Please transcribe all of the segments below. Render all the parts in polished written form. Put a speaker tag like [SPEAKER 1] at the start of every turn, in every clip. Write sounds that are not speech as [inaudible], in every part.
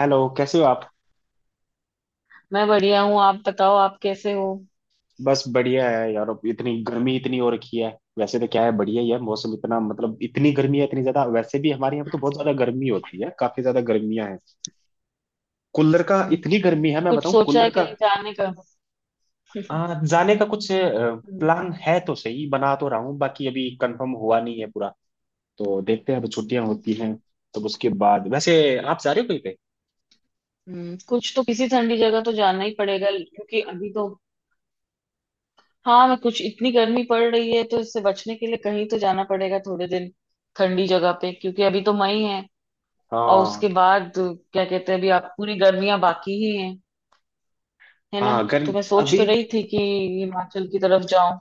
[SPEAKER 1] Hello, कैसे हो आप।
[SPEAKER 2] मैं बढ़िया हूँ। आप बताओ, आप कैसे हो।
[SPEAKER 1] बस बढ़िया है यार। अब इतनी गर्मी इतनी हो रखी है। वैसे तो क्या है, बढ़िया ही है मौसम, इतना मतलब इतनी गर्मी है, इतनी ज्यादा। वैसे भी हमारे यहाँ पे तो बहुत ज्यादा गर्मी होती है, काफी ज्यादा गर्मियां हैं। कूलर का,
[SPEAKER 2] हम्म।
[SPEAKER 1] इतनी गर्मी है,
[SPEAKER 2] तो
[SPEAKER 1] मैं
[SPEAKER 2] कुछ
[SPEAKER 1] बताऊं,
[SPEAKER 2] सोचा है
[SPEAKER 1] कूलर का।
[SPEAKER 2] कहीं जाने का।
[SPEAKER 1] जाने का कुछ
[SPEAKER 2] हम्म।
[SPEAKER 1] प्लान है तो सही, बना तो रहा हूँ, बाकी अभी कंफर्म हुआ नहीं है पूरा। तो देखते हैं, अब छुट्टियां होती हैं तो उसके बाद। वैसे आप जा रहे हो कहीं पे।
[SPEAKER 2] कुछ तो किसी ठंडी जगह तो जाना ही पड़ेगा, क्योंकि अभी तो। हाँ, मैं कुछ इतनी गर्मी पड़ रही है, तो इससे बचने के लिए कहीं तो जाना पड़ेगा, थोड़े दिन ठंडी जगह पे, क्योंकि अभी तो मई है। और उसके
[SPEAKER 1] हाँ।
[SPEAKER 2] बाद, क्या कहते हैं, अभी आप पूरी गर्मियां बाकी ही हैं, है ना।
[SPEAKER 1] हाँ
[SPEAKER 2] तो
[SPEAKER 1] गर्म।
[SPEAKER 2] मैं सोच
[SPEAKER 1] अभी
[SPEAKER 2] तो रही थी कि हिमाचल की तरफ जाऊं।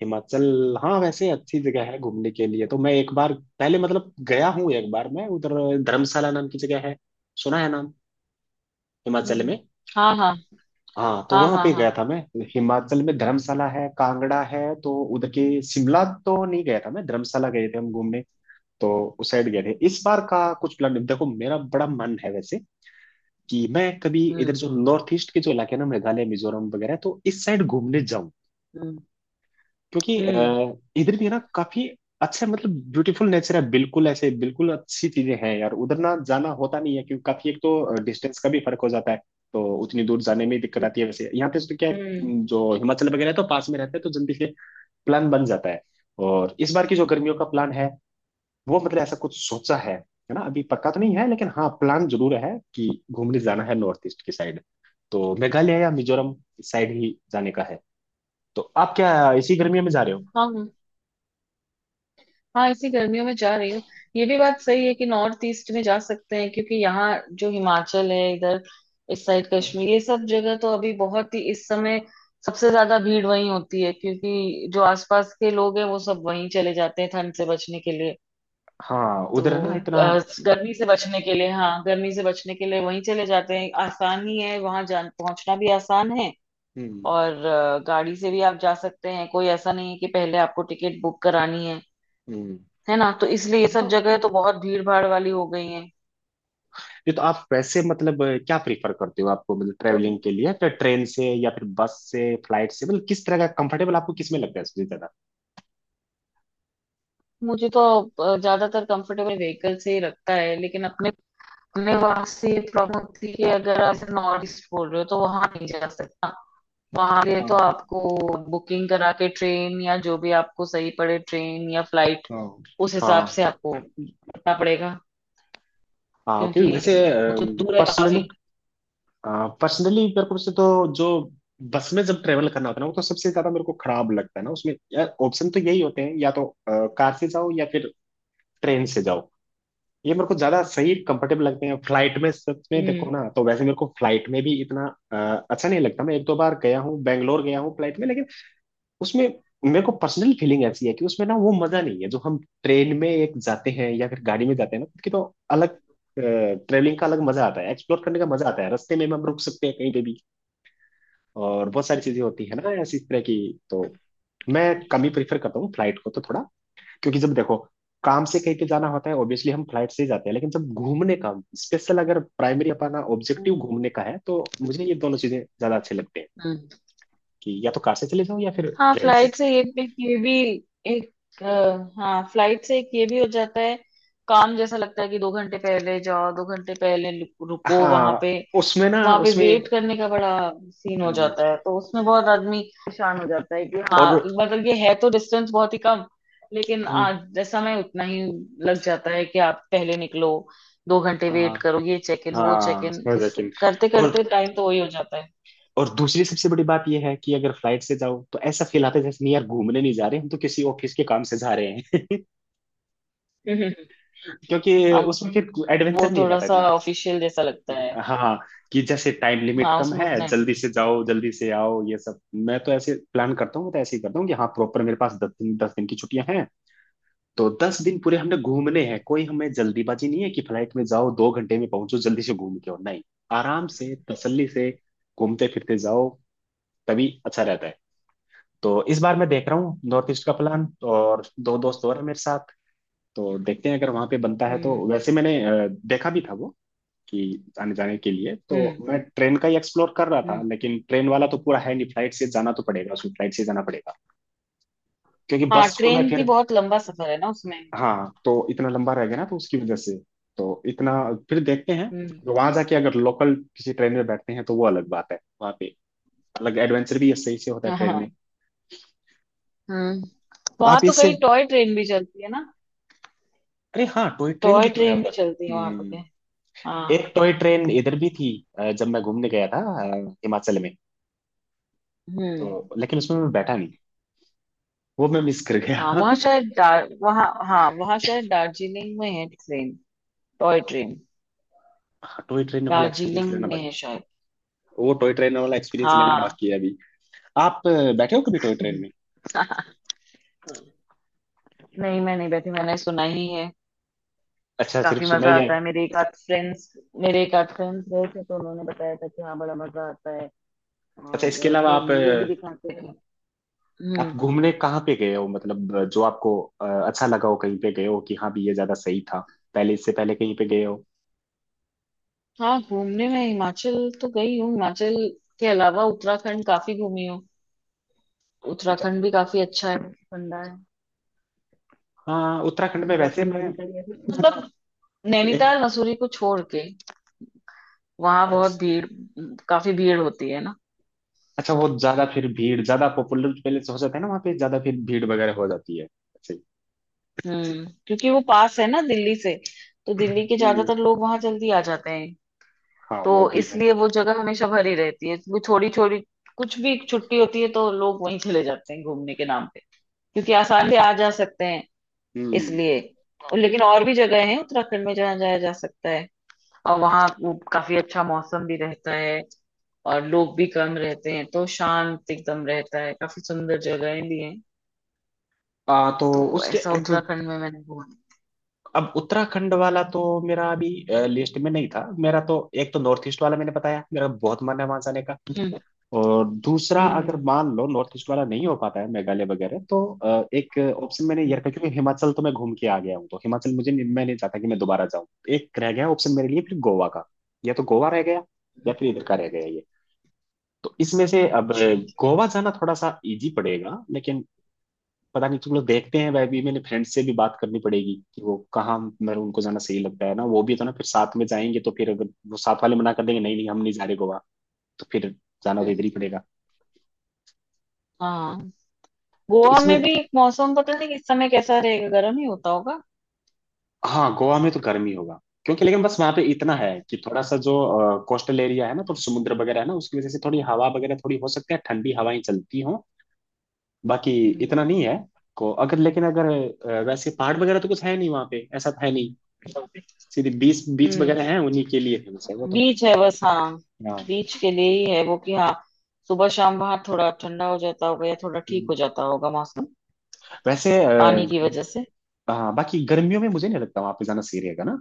[SPEAKER 1] हिमाचल, हाँ वैसे अच्छी जगह है घूमने के लिए। तो मैं एक बार पहले मतलब गया हूँ, एक बार मैं उधर। धर्मशाला नाम की जगह है, सुना है नाम, हिमाचल
[SPEAKER 2] हम्म।
[SPEAKER 1] में।
[SPEAKER 2] हाँ, हाँ।
[SPEAKER 1] हाँ तो
[SPEAKER 2] हाँ,
[SPEAKER 1] वहां
[SPEAKER 2] हाँ,
[SPEAKER 1] पे
[SPEAKER 2] हाँ।
[SPEAKER 1] गया था मैं। हिमाचल में धर्मशाला है, कांगड़ा है, तो उधर के शिमला तो नहीं गया था मैं, धर्मशाला गए थे हम घूमने। तो उस साइड गए थे। इस बार का कुछ प्लान, देखो, मेरा बड़ा मन है वैसे कि मैं कभी इधर
[SPEAKER 2] हम्म।
[SPEAKER 1] जो नॉर्थ ईस्ट के जो इलाके हैं ना, मेघालय मिजोरम वगैरह, तो इस साइड घूमने जाऊं।
[SPEAKER 2] हम्म।
[SPEAKER 1] क्योंकि
[SPEAKER 2] हम्म।
[SPEAKER 1] इधर भी है ना काफी अच्छा, मतलब ब्यूटीफुल नेचर है बिल्कुल, ऐसे बिल्कुल अच्छी चीजें हैं यार। उधर ना जाना होता नहीं है क्योंकि काफी, एक तो डिस्टेंस का भी फर्क हो जाता है, तो उतनी दूर जाने में ही दिक्कत
[SPEAKER 2] हम्म।
[SPEAKER 1] आती है। वैसे यहाँ पे तो क्या है,
[SPEAKER 2] हम्म,
[SPEAKER 1] जो हिमाचल वगैरह है तो पास में रहता है तो जल्दी से प्लान बन जाता है। और इस बार की जो गर्मियों का प्लान है, वो मतलब ऐसा कुछ सोचा है ना, अभी पक्का तो नहीं है लेकिन हाँ प्लान जरूर है कि घूमने जाना है नॉर्थ ईस्ट की साइड। तो मेघालय या मिजोरम साइड ही जाने का है। तो आप क्या इसी गर्मियों में जा रहे हो।
[SPEAKER 2] हाँ, हाँ, इसी गर्मियों में जा रही हूँ। ये भी बात सही है कि नॉर्थ ईस्ट में जा सकते हैं, क्योंकि यहाँ जो हिमाचल है इधर, इस साइड कश्मीर, ये सब जगह तो अभी बहुत ही, इस समय सबसे ज्यादा भीड़ वहीं होती है, क्योंकि जो आसपास के लोग हैं वो सब वहीं चले जाते हैं ठंड से बचने के लिए।
[SPEAKER 1] हाँ
[SPEAKER 2] तो
[SPEAKER 1] उधर है ना इतना।
[SPEAKER 2] गर्मी से बचने के लिए, हाँ, गर्मी से बचने के लिए वहीं चले जाते हैं। आसान ही है वहां। जान पहुंचना भी आसान है।
[SPEAKER 1] हम्म।
[SPEAKER 2] और गाड़ी से भी आप जा सकते हैं। कोई ऐसा नहीं है कि पहले आपको टिकट बुक करानी है।
[SPEAKER 1] हम्म।
[SPEAKER 2] है ना, तो इसलिए ये
[SPEAKER 1] तो
[SPEAKER 2] सब जगह तो बहुत भीड़ भाड़ वाली हो गई हैं।
[SPEAKER 1] ये तो आप वैसे मतलब क्या प्रीफर करते हो, आपको मतलब
[SPEAKER 2] तो
[SPEAKER 1] ट्रेवलिंग के लिए फिर ट्रेन से या फिर बस से, फ्लाइट से, मतलब किस तरह का कंफर्टेबल आपको किस में लगता है सबसे ज्यादा।
[SPEAKER 2] मुझे तो ज्यादातर कंफर्टेबल व्हीकल से ही लगता है, लेकिन अपने अपने वहां से प्रॉब्लम होती है कि अगर आप नॉर्थ ईस्ट बोल रहे हो तो वहां नहीं जा सकता। वहां के लिए तो
[SPEAKER 1] हाँ।
[SPEAKER 2] आपको बुकिंग करा के ट्रेन, या जो भी आपको सही पड़े, ट्रेन या फ्लाइट,
[SPEAKER 1] हाँ।
[SPEAKER 2] उस हिसाब
[SPEAKER 1] हाँ।
[SPEAKER 2] से आपको करना पड़ेगा।
[SPEAKER 1] हाँ,
[SPEAKER 2] क्योंकि
[SPEAKER 1] क्योंकि वैसे
[SPEAKER 2] वो तो दूर है काफी।
[SPEAKER 1] पर्सनली पर्सनली मेरे को वैसे तो जो बस में जब ट्रेवल करना होता है ना, वो तो सबसे ज्यादा मेरे को खराब लगता है ना उसमें यार। ऑप्शन तो यही होते हैं, या तो कार से जाओ या फिर ट्रेन से जाओ। ये मेरे को ज्यादा सही कंफर्टेबल लगते हैं। फ्लाइट में सच में
[SPEAKER 2] हम्म।
[SPEAKER 1] देखो ना तो वैसे मेरे को फ्लाइट में भी इतना अच्छा नहीं लगता। मैं एक दो बार गया हूँ, बैंगलोर गया हूँ फ्लाइट में, लेकिन उसमें मेरे को पर्सनल फीलिंग ऐसी है कि उसमें ना वो मजा नहीं है जो हम ट्रेन में एक जाते हैं या फिर गाड़ी में जाते हैं ना, कि तो अलग ट्रेवलिंग का अलग मजा आता है, एक्सप्लोर करने का मजा आता है, रास्ते में हम रुक सकते हैं कहीं पे भी और बहुत सारी चीजें होती है ना ऐसी तरह की। तो मैं कम ही प्रेफर करता हूँ फ्लाइट को, तो थोड़ा, क्योंकि जब देखो काम से कहीं पे जाना होता है ऑब्वियसली हम फ्लाइट से ही जाते हैं, लेकिन जब घूमने का स्पेशल, अगर प्राइमरी अपना ऑब्जेक्टिव
[SPEAKER 2] हम्म।
[SPEAKER 1] घूमने का है तो मुझे ये दोनों चीजें ज्यादा अच्छे लगते हैं,
[SPEAKER 2] हम्म।
[SPEAKER 1] कि या तो कार से चले जाओ या फिर
[SPEAKER 2] हाँ,
[SPEAKER 1] ट्रेन से।
[SPEAKER 2] फ्लाइट से ये एक, ये भी एक, हाँ, फ्लाइट से एक, ये भी हो जाता है। काम जैसा लगता है कि 2 घंटे पहले जाओ, 2 घंटे पहले रुको वहां
[SPEAKER 1] हाँ
[SPEAKER 2] पे।
[SPEAKER 1] उसमें ना,
[SPEAKER 2] वहां पे
[SPEAKER 1] उसमें।
[SPEAKER 2] वेट करने का बड़ा सीन हो
[SPEAKER 1] हम्म।
[SPEAKER 2] जाता है, तो उसमें बहुत आदमी परेशान हो जाता है कि हाँ।
[SPEAKER 1] और
[SPEAKER 2] मतलब ये है तो डिस्टेंस बहुत ही कम, लेकिन
[SPEAKER 1] हाँ।
[SPEAKER 2] आज समय उतना ही लग जाता है कि आप पहले निकलो, 2 घंटे
[SPEAKER 1] हाँ।
[SPEAKER 2] वेट करो, ये चेक इन, वो चेक
[SPEAKER 1] हाँ,
[SPEAKER 2] इन,
[SPEAKER 1] समझ
[SPEAKER 2] इस
[SPEAKER 1] यकीन।
[SPEAKER 2] करते
[SPEAKER 1] और
[SPEAKER 2] करते टाइम तो वही हो जाता है।
[SPEAKER 1] और दूसरी सबसे बड़ी बात यह है कि अगर फ्लाइट से जाओ तो ऐसा फील आता है जैसे नहीं यार घूमने नहीं जा रहे हम तो, किसी ऑफिस के काम से जा रहे हैं।
[SPEAKER 2] [laughs]
[SPEAKER 1] [laughs] क्योंकि
[SPEAKER 2] हाँ,
[SPEAKER 1] उसमें फिर
[SPEAKER 2] वो
[SPEAKER 1] एडवेंचर नहीं
[SPEAKER 2] थोड़ा
[SPEAKER 1] रहता।
[SPEAKER 2] सा ऑफिशियल जैसा लगता है।
[SPEAKER 1] हाँ कि जैसे टाइम लिमिट
[SPEAKER 2] हाँ,
[SPEAKER 1] कम
[SPEAKER 2] उसमें
[SPEAKER 1] है,
[SPEAKER 2] उतना है।
[SPEAKER 1] जल्दी से जाओ जल्दी से आओ ये सब। मैं तो ऐसे प्लान करता हूँ, मैं तो ऐसे ही करता हूँ कि हाँ प्रॉपर मेरे पास 10 दिन, 10 दिन की छुट्टियां हैं, तो 10 दिन पूरे हमने घूमने हैं, कोई हमें जल्दीबाजी नहीं है कि फ्लाइट में जाओ 2 घंटे में पहुंचो जल्दी से घूम के आओ। नहीं, आराम से तसल्ली से घूमते फिरते जाओ तभी अच्छा रहता है। तो इस बार मैं देख रहा हूँ नॉर्थ ईस्ट का प्लान। और दो दोस्त और हैं मेरे साथ। तो देखते हैं, अगर वहां पे बनता है तो।
[SPEAKER 2] हम्म।
[SPEAKER 1] वैसे मैंने देखा भी था वो कि आने जाने के लिए तो
[SPEAKER 2] हम्म।
[SPEAKER 1] मैं ट्रेन का ही एक्सप्लोर कर रहा था,
[SPEAKER 2] हम्म।
[SPEAKER 1] लेकिन ट्रेन वाला तो पूरा है नहीं, फ्लाइट से जाना तो पड़ेगा, उसमें फ्लाइट से जाना पड़ेगा, क्योंकि
[SPEAKER 2] हाँ,
[SPEAKER 1] बस को मैं
[SPEAKER 2] ट्रेन भी
[SPEAKER 1] फिर।
[SPEAKER 2] बहुत लंबा सफर है ना उसमें।
[SPEAKER 1] हाँ तो इतना लंबा रह गया ना, तो उसकी वजह से, तो इतना, फिर देखते हैं।
[SPEAKER 2] हम्म।
[SPEAKER 1] वहां जाके अगर लोकल किसी ट्रेन में बैठते हैं तो वो अलग बात है, वहाँ पे अलग एडवेंचर भी सही से होता है
[SPEAKER 2] हाँ,
[SPEAKER 1] ट्रेन में।
[SPEAKER 2] हाँ। हम्म। वहां
[SPEAKER 1] आप
[SPEAKER 2] तो कई
[SPEAKER 1] इससे,
[SPEAKER 2] टॉय ट्रेन भी चलती है ना।
[SPEAKER 1] अरे हाँ टॉय ट्रेन
[SPEAKER 2] टॉय
[SPEAKER 1] भी तो है
[SPEAKER 2] ट्रेन भी
[SPEAKER 1] उधर।
[SPEAKER 2] चलती है वहां पर के।
[SPEAKER 1] हम्म।
[SPEAKER 2] हाँ।
[SPEAKER 1] एक टॉय ट्रेन इधर भी थी, जब मैं घूमने गया था हिमाचल में,
[SPEAKER 2] हम्म।
[SPEAKER 1] तो लेकिन उसमें मैं बैठा नहीं, वो मैं मिस कर
[SPEAKER 2] हाँ,
[SPEAKER 1] गया।
[SPEAKER 2] वहाँ शायद दार वहाँ। हाँ, वहाँ शायद दार्जिलिंग में है, train, toy train.
[SPEAKER 1] Toy train वाला एक्सपीरियंस
[SPEAKER 2] दार्जिलिंग
[SPEAKER 1] लेना
[SPEAKER 2] में
[SPEAKER 1] बाकी,
[SPEAKER 2] है शायद।
[SPEAKER 1] वो टॉय ट्रेन वाला एक्सपीरियंस लेना
[SPEAKER 2] हाँ।
[SPEAKER 1] बाकी है अभी। आप बैठे हो कभी टॉय ट्रेन में।
[SPEAKER 2] [laughs] नहीं, मैं नहीं बैठी, मैंने सुना ही है।
[SPEAKER 1] अच्छा, सिर्फ
[SPEAKER 2] काफी
[SPEAKER 1] सुना
[SPEAKER 2] मजा
[SPEAKER 1] ही है।
[SPEAKER 2] आता है, मेरे एक आध फ्रेंड्स गए थे, तो उन्होंने बताया था कि हाँ, बड़ा मजा आता है।
[SPEAKER 1] अच्छा इसके
[SPEAKER 2] और
[SPEAKER 1] अलावा आप
[SPEAKER 2] फिर ये भी दिखाते हैं।
[SPEAKER 1] आप
[SPEAKER 2] हम्म।
[SPEAKER 1] घूमने कहाँ पे गए हो, मतलब जो आपको अच्छा लगा हो कहीं पे गए हो कि हाँ भी ये ज्यादा सही था, पहले इससे पहले कहीं पे गए हो।
[SPEAKER 2] हाँ, घूमने में हिमाचल तो गई हूँ। हिमाचल के अलावा उत्तराखंड काफी घूमी हूँ।
[SPEAKER 1] अच्छा।
[SPEAKER 2] उत्तराखंड भी काफी अच्छा है, ठंडा है।
[SPEAKER 1] हाँ उत्तराखंड में वैसे
[SPEAKER 2] उत्तराखंड में
[SPEAKER 1] मैं
[SPEAKER 2] भी कई ऐसी, मतलब,
[SPEAKER 1] एक।
[SPEAKER 2] नैनीताल मसूरी को छोड़ के, वहां बहुत
[SPEAKER 1] अच्छा।
[SPEAKER 2] भीड़, काफी भीड़ होती है ना।
[SPEAKER 1] अच्छा, वो ज्यादा फिर भीड़, ज्यादा पॉपुलर पहले से हो जाता है ना वहाँ पे, ज्यादा फिर भीड़ वगैरह हो जाती है ऐसे ही।
[SPEAKER 2] हम्म। क्योंकि वो पास है ना दिल्ली से, तो दिल्ली के
[SPEAKER 1] हम्म।
[SPEAKER 2] ज्यादातर लोग वहां जल्दी आ जाते हैं।
[SPEAKER 1] हाँ
[SPEAKER 2] तो
[SPEAKER 1] वो भी है।
[SPEAKER 2] इसलिए वो जगह हमेशा भरी रहती है, वो छोटी छोटी। कुछ भी छुट्टी होती है तो लोग वहीं चले जाते हैं घूमने के नाम पे, क्योंकि आसान से आ जा सकते हैं,
[SPEAKER 1] हम्म।
[SPEAKER 2] इसलिए। लेकिन और भी जगह हैं उत्तराखंड में जहाँ जाया जा सकता है, और वहाँ वो काफी अच्छा मौसम भी रहता है, और लोग भी कम रहते हैं, तो शांत एकदम रहता है, काफी सुंदर जगहें भी हैं।
[SPEAKER 1] आ, तो
[SPEAKER 2] तो
[SPEAKER 1] उसके
[SPEAKER 2] ऐसा
[SPEAKER 1] अब
[SPEAKER 2] उत्तराखंड में मैंने घूमा।
[SPEAKER 1] अब उत्तराखंड वाला तो मेरा अभी लिस्ट में नहीं था, मेरा तो एक तो नॉर्थ ईस्ट वाला मैंने बताया, मेरा बहुत मन है वहां जाने का।
[SPEAKER 2] हम्म।
[SPEAKER 1] और दूसरा, अगर
[SPEAKER 2] हम्म।
[SPEAKER 1] मान लो नॉर्थ ईस्ट वाला नहीं हो पाता है मेघालय वगैरह तो एक ऑप्शन मैंने ये
[SPEAKER 2] हम्म।
[SPEAKER 1] रखा, क्योंकि हिमाचल तो मैं घूम के आ गया हूँ तो हिमाचल मुझे मैं नहीं चाहता कि मैं दोबारा जाऊँ। एक रह गया ऑप्शन मेरे लिए फिर, गोवा का। या तो गोवा रह गया या फिर
[SPEAKER 2] हम्म।
[SPEAKER 1] इधर का रह गया ये। तो इसमें से अब
[SPEAKER 2] अच्छा।
[SPEAKER 1] गोवा जाना थोड़ा सा इजी पड़ेगा, लेकिन पता नहीं, तुम लोग देखते हैं, वह भी मैंने फ्रेंड से भी बात करनी पड़ेगी कि वो कहाँ मतलब उनको जाना सही लगता है ना, वो भी तो ना फिर साथ में जाएंगे। तो फिर अगर वो साथ वाले मना कर देंगे नहीं नहीं हम नहीं जा रहे गोवा, तो फिर जाना तो इधर ही पड़ेगा।
[SPEAKER 2] हाँ,
[SPEAKER 1] तो
[SPEAKER 2] गोवा में
[SPEAKER 1] इसमें,
[SPEAKER 2] भी मौसम पता नहीं इस समय कैसा रहेगा, गर्म ही होता होगा।
[SPEAKER 1] हाँ गोवा में तो गर्मी होगा, क्योंकि, लेकिन बस वहां पे इतना है कि थोड़ा सा जो कोस्टल एरिया है ना, तो समुद्र वगैरह है ना, उसकी वजह से थोड़ी हवा वगैरह, थोड़ी हो सकती है ठंडी हवाएं चलती हों, बाकी
[SPEAKER 2] हम्म।
[SPEAKER 1] इतना नहीं है। को अगर लेकिन अगर वैसे पहाड़ वगैरह तो कुछ है नहीं वहां पे, ऐसा तो है नहीं। सीधे बीच, बीच
[SPEAKER 2] हम्म।
[SPEAKER 1] वगैरह है, उन्हीं के लिए है वैसे वो तो।
[SPEAKER 2] बीच है बस, हाँ।
[SPEAKER 1] हाँ
[SPEAKER 2] बीच के लिए ही है वो, कि हाँ। सुबह शाम वहां थोड़ा ठंडा हो जाता होगा, या थोड़ा ठीक हो जाता होगा मौसम,
[SPEAKER 1] वैसे
[SPEAKER 2] पानी की वजह से।
[SPEAKER 1] हाँ बाकी गर्मियों में मुझे नहीं लगता वहां पे जाना सही रहेगा ना।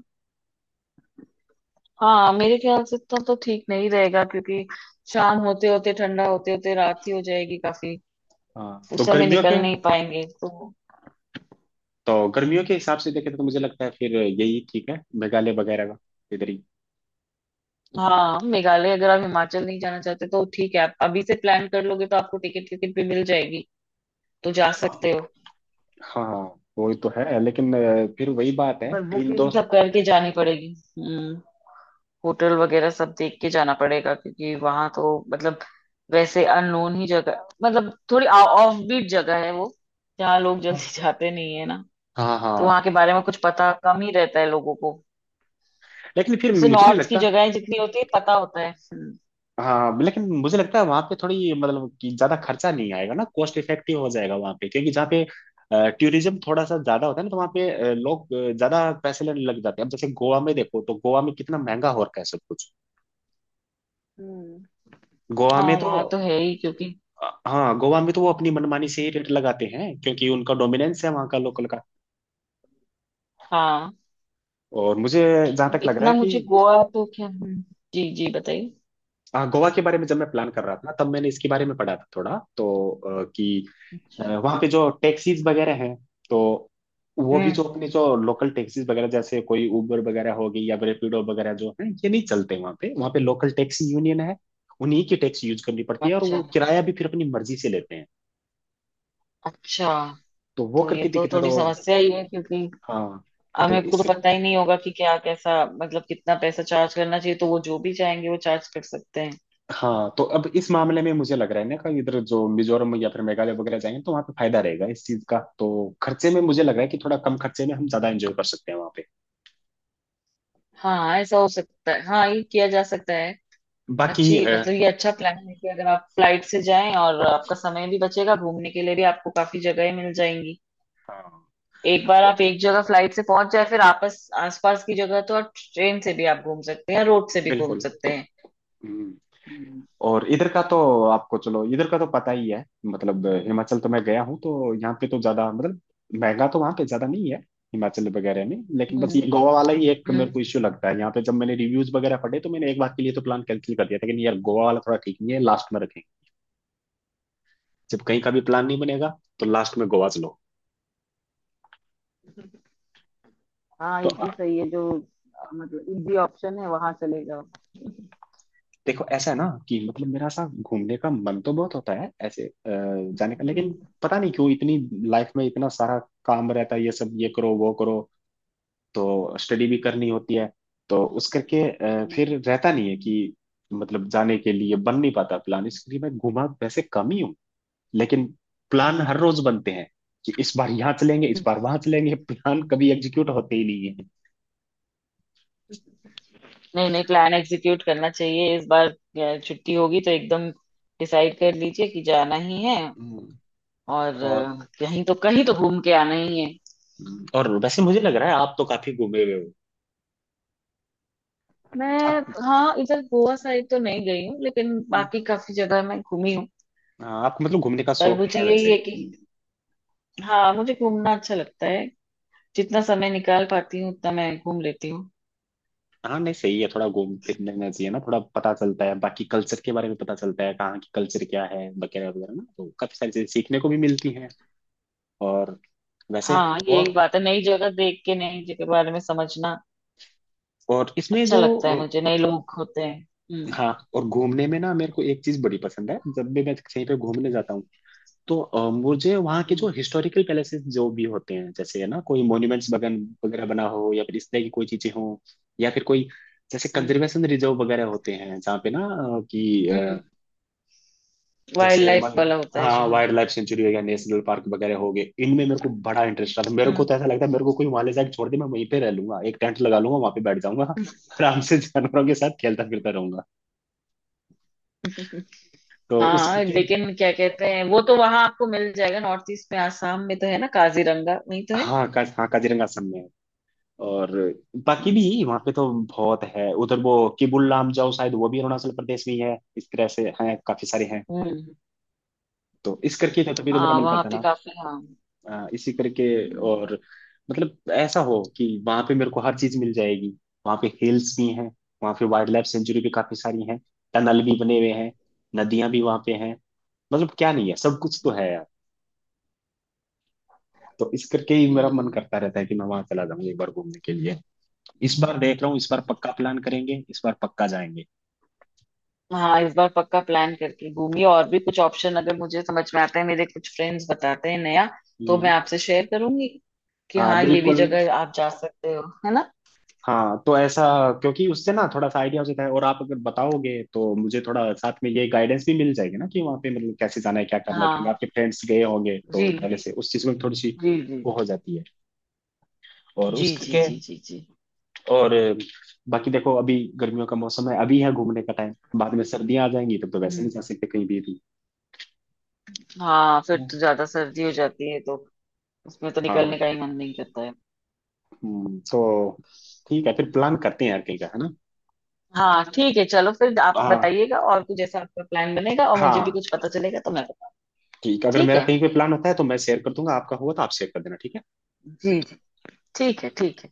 [SPEAKER 2] हाँ, मेरे ख्याल से तो ठीक नहीं रहेगा, क्योंकि शाम होते होते ठंडा होते होते रात ही हो जाएगी काफी।
[SPEAKER 1] हाँ तो
[SPEAKER 2] उस समय
[SPEAKER 1] गर्मियों के,
[SPEAKER 2] निकल नहीं पाएंगे तो।
[SPEAKER 1] तो गर्मियों के हिसाब से देखे तो मुझे लगता है फिर यही ठीक है मेघालय वगैरह का, इधर ही।
[SPEAKER 2] हाँ, मेघालय अगर आप हिमाचल नहीं जाना चाहते तो ठीक है, आप अभी से प्लान कर लोगे तो आपको टिकट टिकट भी मिल जाएगी, तो जा सकते हो।
[SPEAKER 1] हाँ वही तो है, लेकिन फिर वही बात है,
[SPEAKER 2] पर
[SPEAKER 1] तीन
[SPEAKER 2] बुकिंग
[SPEAKER 1] दोस्त।
[SPEAKER 2] सब करके जानी पड़ेगी। हम्म। होटल वगैरह सब देख के जाना पड़ेगा, क्योंकि वहां तो मतलब, वैसे अननोन ही जगह, मतलब थोड़ी ऑफ बीट जगह है वो, जहाँ लोग
[SPEAKER 1] हाँ।
[SPEAKER 2] जल्दी [laughs] जाते नहीं है ना।
[SPEAKER 1] हाँ।
[SPEAKER 2] तो वहां
[SPEAKER 1] हाँ।
[SPEAKER 2] के बारे में कुछ पता कम ही रहता है लोगों को,
[SPEAKER 1] लेकिन फिर
[SPEAKER 2] जैसे
[SPEAKER 1] मुझे नहीं
[SPEAKER 2] नॉर्थ की
[SPEAKER 1] लगता।
[SPEAKER 2] जगह जितनी होती है पता होता है। हम्म।
[SPEAKER 1] हाँ, लेकिन मुझे लगता है वहां पे थोड़ी मतलब कि ज्यादा खर्चा नहीं आएगा ना, कॉस्ट इफेक्टिव हो जाएगा वहां पे, क्योंकि जहाँ पे टूरिज्म थोड़ा सा ज्यादा होता है ना तो वहाँ पे लोग ज्यादा पैसे लेने लग जाते हैं, अब जैसे गोवा में देखो तो गोवा में कितना महंगा हो रखा है सब कुछ।
[SPEAKER 2] हम्म।
[SPEAKER 1] गोवा में
[SPEAKER 2] हाँ,
[SPEAKER 1] तो
[SPEAKER 2] वहां तो है ही क्योंकि।
[SPEAKER 1] हाँ गोवा में तो वो अपनी मनमानी से ही रेट लगाते हैं, क्योंकि उनका डोमिनेंस है वहाँ का लोकल का।
[SPEAKER 2] हाँ,
[SPEAKER 1] और मुझे जहां
[SPEAKER 2] अब
[SPEAKER 1] तक लग रहा है
[SPEAKER 2] इतना
[SPEAKER 1] कि,
[SPEAKER 2] मुझे गोवा तो क्या। हम्म। जी, जी, बताइए।
[SPEAKER 1] हाँ, गोवा के बारे में जब मैं प्लान कर रहा था तब मैंने इसके बारे में पढ़ा था थोड़ा, तो कि
[SPEAKER 2] अच्छा।
[SPEAKER 1] वहाँ पे जो टैक्सीज वगैरह हैं, तो वो भी, जो
[SPEAKER 2] हम्म।
[SPEAKER 1] अपने जो लोकल टैक्सीज वगैरह, जैसे कोई उबर वगैरह हो गई या रैपिडो वगैरह जो है, ये नहीं चलते वहाँ पे, वहाँ पे लोकल टैक्सी यूनियन है, उन्हीं की टैक्सी यूज करनी पड़ती है और
[SPEAKER 2] अच्छा,
[SPEAKER 1] वो किराया भी फिर अपनी मर्जी से लेते हैं।
[SPEAKER 2] अच्छा।
[SPEAKER 1] तो वो
[SPEAKER 2] तो ये
[SPEAKER 1] करके
[SPEAKER 2] तो
[SPEAKER 1] दिक्कत है तो।
[SPEAKER 2] थोड़ी समस्या ही है, क्योंकि
[SPEAKER 1] हाँ
[SPEAKER 2] अब
[SPEAKER 1] तो
[SPEAKER 2] मेरे को तो
[SPEAKER 1] इस,
[SPEAKER 2] पता ही नहीं होगा कि क्या कैसा, मतलब कितना पैसा चार्ज करना चाहिए, तो वो जो भी चाहेंगे वो चार्ज कर सकते हैं।
[SPEAKER 1] हाँ तो अब इस मामले में मुझे लग रहा है ना कि इधर जो मिजोरम या फिर मेघालय वगैरह जाएंगे तो वहाँ पे फायदा रहेगा इस चीज का, तो खर्चे में मुझे लग रहा है कि थोड़ा कम खर्चे में हम ज्यादा एंजॉय कर सकते हैं वहाँ पे।
[SPEAKER 2] हाँ, ऐसा हो सकता है। हाँ, ये किया जा सकता है।
[SPEAKER 1] बाकी
[SPEAKER 2] अच्छी, मतलब ये अच्छा प्लान है कि अगर आप फ्लाइट से जाएं, और आपका समय भी बचेगा, घूमने के लिए भी आपको काफी जगहें मिल जाएंगी।
[SPEAKER 1] हाँ
[SPEAKER 2] एक बार
[SPEAKER 1] तो
[SPEAKER 2] आप एक जगह फ्लाइट से पहुंच जाए, फिर आपस आसपास की जगह तो आप ट्रेन से भी आप घूम सकते हैं, रोड से भी घूम
[SPEAKER 1] बिल्कुल।
[SPEAKER 2] सकते हैं।
[SPEAKER 1] हम्म।
[SPEAKER 2] हम्म।
[SPEAKER 1] और इधर का तो आपको, चलो इधर का तो पता ही है, मतलब हिमाचल तो मैं गया हूँ, तो यहाँ पे तो ज्यादा मतलब महंगा तो वहाँ पे ज्यादा नहीं है हिमाचल वगैरह में लेकिन बस ये गोवा वाला ही एक मेरे
[SPEAKER 2] हम्म।
[SPEAKER 1] को इश्यू लगता है यहाँ पे। जब मैंने रिव्यूज वगैरह पढ़े तो मैंने एक बार के लिए तो प्लान कैंसिल कर दिया था कि नहीं यार, गोवा वाला थोड़ा ठीक नहीं है, लास्ट में रखेंगे। जब कहीं का भी प्लान नहीं बनेगा तो लास्ट में गोवा चलो।
[SPEAKER 2] हाँ, ये
[SPEAKER 1] तो
[SPEAKER 2] भी सही है, जो मतलब इजी ऑप्शन है, वहां चले जाओ।
[SPEAKER 1] देखो ऐसा है ना कि मतलब मेरा ऐसा घूमने का मन तो बहुत होता है ऐसे जाने का, लेकिन
[SPEAKER 2] हम्म।
[SPEAKER 1] पता नहीं क्यों इतनी लाइफ में इतना सारा काम रहता है, ये सब ये करो वो करो, तो स्टडी भी करनी होती है। तो उस करके
[SPEAKER 2] हम्म।
[SPEAKER 1] फिर रहता नहीं है कि मतलब जाने के लिए बन नहीं पाता प्लान। इसलिए मैं घुमा वैसे कम ही हूँ, लेकिन प्लान
[SPEAKER 2] हम्म।
[SPEAKER 1] हर रोज बनते हैं कि इस बार यहाँ चलेंगे इस बार वहां चलेंगे। प्लान कभी एग्जीक्यूट होते ही नहीं है।
[SPEAKER 2] नहीं, नहीं, प्लान एग्जीक्यूट करना चाहिए। इस बार छुट्टी होगी तो एकदम डिसाइड कर लीजिए कि जाना ही है।
[SPEAKER 1] हम्म,
[SPEAKER 2] और
[SPEAKER 1] और
[SPEAKER 2] कहीं तो, कहीं तो घूम के आना ही है।
[SPEAKER 1] और वैसे मुझे लग रहा है आप तो काफी घूमे हुए हो।
[SPEAKER 2] मैं हाँ, इधर गोवा साइड तो नहीं गई हूँ, लेकिन
[SPEAKER 1] आप,
[SPEAKER 2] बाकी काफी जगह मैं घूमी हूँ।
[SPEAKER 1] हाँ, आपको मतलब घूमने का
[SPEAKER 2] पर
[SPEAKER 1] शौक
[SPEAKER 2] मुझे
[SPEAKER 1] है वैसे।
[SPEAKER 2] यही है कि,
[SPEAKER 1] हम्म।
[SPEAKER 2] हाँ, मुझे घूमना अच्छा लगता है। जितना समय निकाल पाती हूँ उतना मैं घूम लेती हूँ।
[SPEAKER 1] हाँ नहीं सही है, थोड़ा घूम फिरने में चाहिए ना, थोड़ा पता चलता है, बाकी कल्चर के बारे में पता चलता है कहाँ की कल्चर क्या है वगैरह वगैरह ना, तो काफी सारी चीजें सीखने को भी मिलती हैं। और वैसे
[SPEAKER 2] हाँ, ये एक
[SPEAKER 1] और
[SPEAKER 2] बात है, नई जगह देख के नई जगह के बारे में समझना
[SPEAKER 1] और इसमें
[SPEAKER 2] अच्छा
[SPEAKER 1] जो
[SPEAKER 2] लगता है
[SPEAKER 1] अ,
[SPEAKER 2] मुझे, नए लोग होते हैं। हम्म।
[SPEAKER 1] हाँ, और घूमने में ना मेरे को एक चीज बड़ी पसंद है। जब भी मैं कहीं पे घूमने जाता हूँ तो मुझे वहाँ के जो हिस्टोरिकल पैलेसेस जो भी होते हैं जैसे है ना, कोई मॉन्यूमेंट्स बगन वगैरह बना हो या फिर इस तरह की कोई चीजें हो, या फिर कोई जैसे
[SPEAKER 2] हम्म।
[SPEAKER 1] कंजर्वेशन रिजर्व वगैरह होते हैं जहाँ पे ना अ, कि अ,
[SPEAKER 2] वाइल्ड
[SPEAKER 1] जैसे
[SPEAKER 2] लाइफ
[SPEAKER 1] मन
[SPEAKER 2] वाला होता है
[SPEAKER 1] हाँ
[SPEAKER 2] जहाँ।
[SPEAKER 1] वाइल्ड लाइफ सेंचुरी हो गया, नेशनल पार्क वगैरह हो गए, इनमें मेरे को बड़ा इंटरेस्ट आता है। मेरे को
[SPEAKER 2] हम्म।
[SPEAKER 1] तो ऐसा लगता है मेरे को कोई वहां ले जाके छोड़ दे, मैं वहीं पे रह लूंगा, एक टेंट लगा लूंगा वहां पे बैठ जाऊंगा, आराम से जानवरों के साथ खेलता फिरता रहूंगा।
[SPEAKER 2] [laughs]
[SPEAKER 1] तो
[SPEAKER 2] हाँ,
[SPEAKER 1] उसके
[SPEAKER 2] लेकिन क्या कहते हैं, वो तो वहां आपको मिल जाएगा, नॉर्थ ईस्ट में, आसाम में तो है ना, काजीरंगा वहीं तो है।
[SPEAKER 1] हाँ हाँ काजीरंगा असम में है। और बाकी
[SPEAKER 2] हम्म।
[SPEAKER 1] भी वहां पे तो बहुत है, उधर वो किबुल लामजाओ शायद वो भी अरुणाचल प्रदेश में ही है, इस तरह से हैं काफी सारे हैं।
[SPEAKER 2] हम्म।
[SPEAKER 1] तो इस करके तो तभी तो मेरा
[SPEAKER 2] हाँ,
[SPEAKER 1] मन
[SPEAKER 2] वहां
[SPEAKER 1] करता
[SPEAKER 2] पे
[SPEAKER 1] ना,
[SPEAKER 2] काफी। हाँ।
[SPEAKER 1] इसी करके।
[SPEAKER 2] हम्म।
[SPEAKER 1] और मतलब ऐसा हो कि वहां पे मेरे को हर चीज मिल जाएगी। वहां पे हिल्स भी हैं, वहां पे वाइल्ड लाइफ सेंचुरी भी काफी सारी हैं, टनल भी बने हुए हैं, नदियां भी वहां पे हैं। मतलब क्या नहीं है, सब कुछ तो
[SPEAKER 2] हम्म।
[SPEAKER 1] है यार। तो इस करके ही मेरा मन
[SPEAKER 2] हम्म।
[SPEAKER 1] करता रहता है कि मैं वहां चला जाऊं एक बार घूमने के लिए। इस बार
[SPEAKER 2] हम्म।
[SPEAKER 1] देख रहा हूँ, इस बार पक्का प्लान करेंगे, इस बार पक्का जाएंगे।
[SPEAKER 2] हाँ, इस बार पक्का प्लान करके घूमिए। और भी कुछ ऑप्शन अगर मुझे समझ में आता है, मेरे कुछ फ्रेंड्स बताते हैं नया, तो मैं आपसे शेयर करूंगी कि
[SPEAKER 1] हाँ
[SPEAKER 2] हाँ, ये भी
[SPEAKER 1] बिल्कुल।
[SPEAKER 2] जगह आप जा सकते हो, है ना।
[SPEAKER 1] हाँ तो ऐसा, क्योंकि उससे ना थोड़ा सा आइडिया हो जाता है, और आप अगर बताओगे तो मुझे थोड़ा साथ में ये गाइडेंस भी मिल जाएगी ना कि वहाँ पे मतलब कैसे जाना है क्या करना है, क्योंकि
[SPEAKER 2] हाँ।
[SPEAKER 1] आपके फ्रेंड्स गए होंगे
[SPEAKER 2] जी,
[SPEAKER 1] तो पहले से उस चीज़ में थोड़ी सी
[SPEAKER 2] जी, जी,
[SPEAKER 1] वो हो जाती है। और
[SPEAKER 2] जी,
[SPEAKER 1] उस
[SPEAKER 2] जी,
[SPEAKER 1] करके
[SPEAKER 2] जी, जी, जी।
[SPEAKER 1] और बाकी देखो, अभी गर्मियों का मौसम है, अभी है घूमने का टाइम। बाद में सर्दियाँ आ जाएंगी तब तो वैसे
[SPEAKER 2] हम्म।
[SPEAKER 1] नहीं जा सकते कहीं भी भी।
[SPEAKER 2] हाँ, फिर तो ज्यादा सर्दी हो जाती है, तो उसमें तो
[SPEAKER 1] हाँ।
[SPEAKER 2] निकलने का ही मन नहीं करता है।
[SPEAKER 1] तो ठीक है, फिर प्लान करते हैं यार कहीं का, है ना।
[SPEAKER 2] हाँ, ठीक है, चलो फिर आप
[SPEAKER 1] हाँ,
[SPEAKER 2] बताइएगा, और कुछ जैसा आपका प्लान बनेगा और मुझे भी
[SPEAKER 1] हाँ
[SPEAKER 2] कुछ पता चलेगा तो मैं बताऊँ।
[SPEAKER 1] ठीक है, अगर
[SPEAKER 2] ठीक
[SPEAKER 1] मेरा
[SPEAKER 2] है।
[SPEAKER 1] कहीं पे प्लान होता है तो मैं शेयर कर दूंगा, आपका हुआ तो आप शेयर कर देना, ठीक है।
[SPEAKER 2] जी, जी। ठीक है। ठीक है।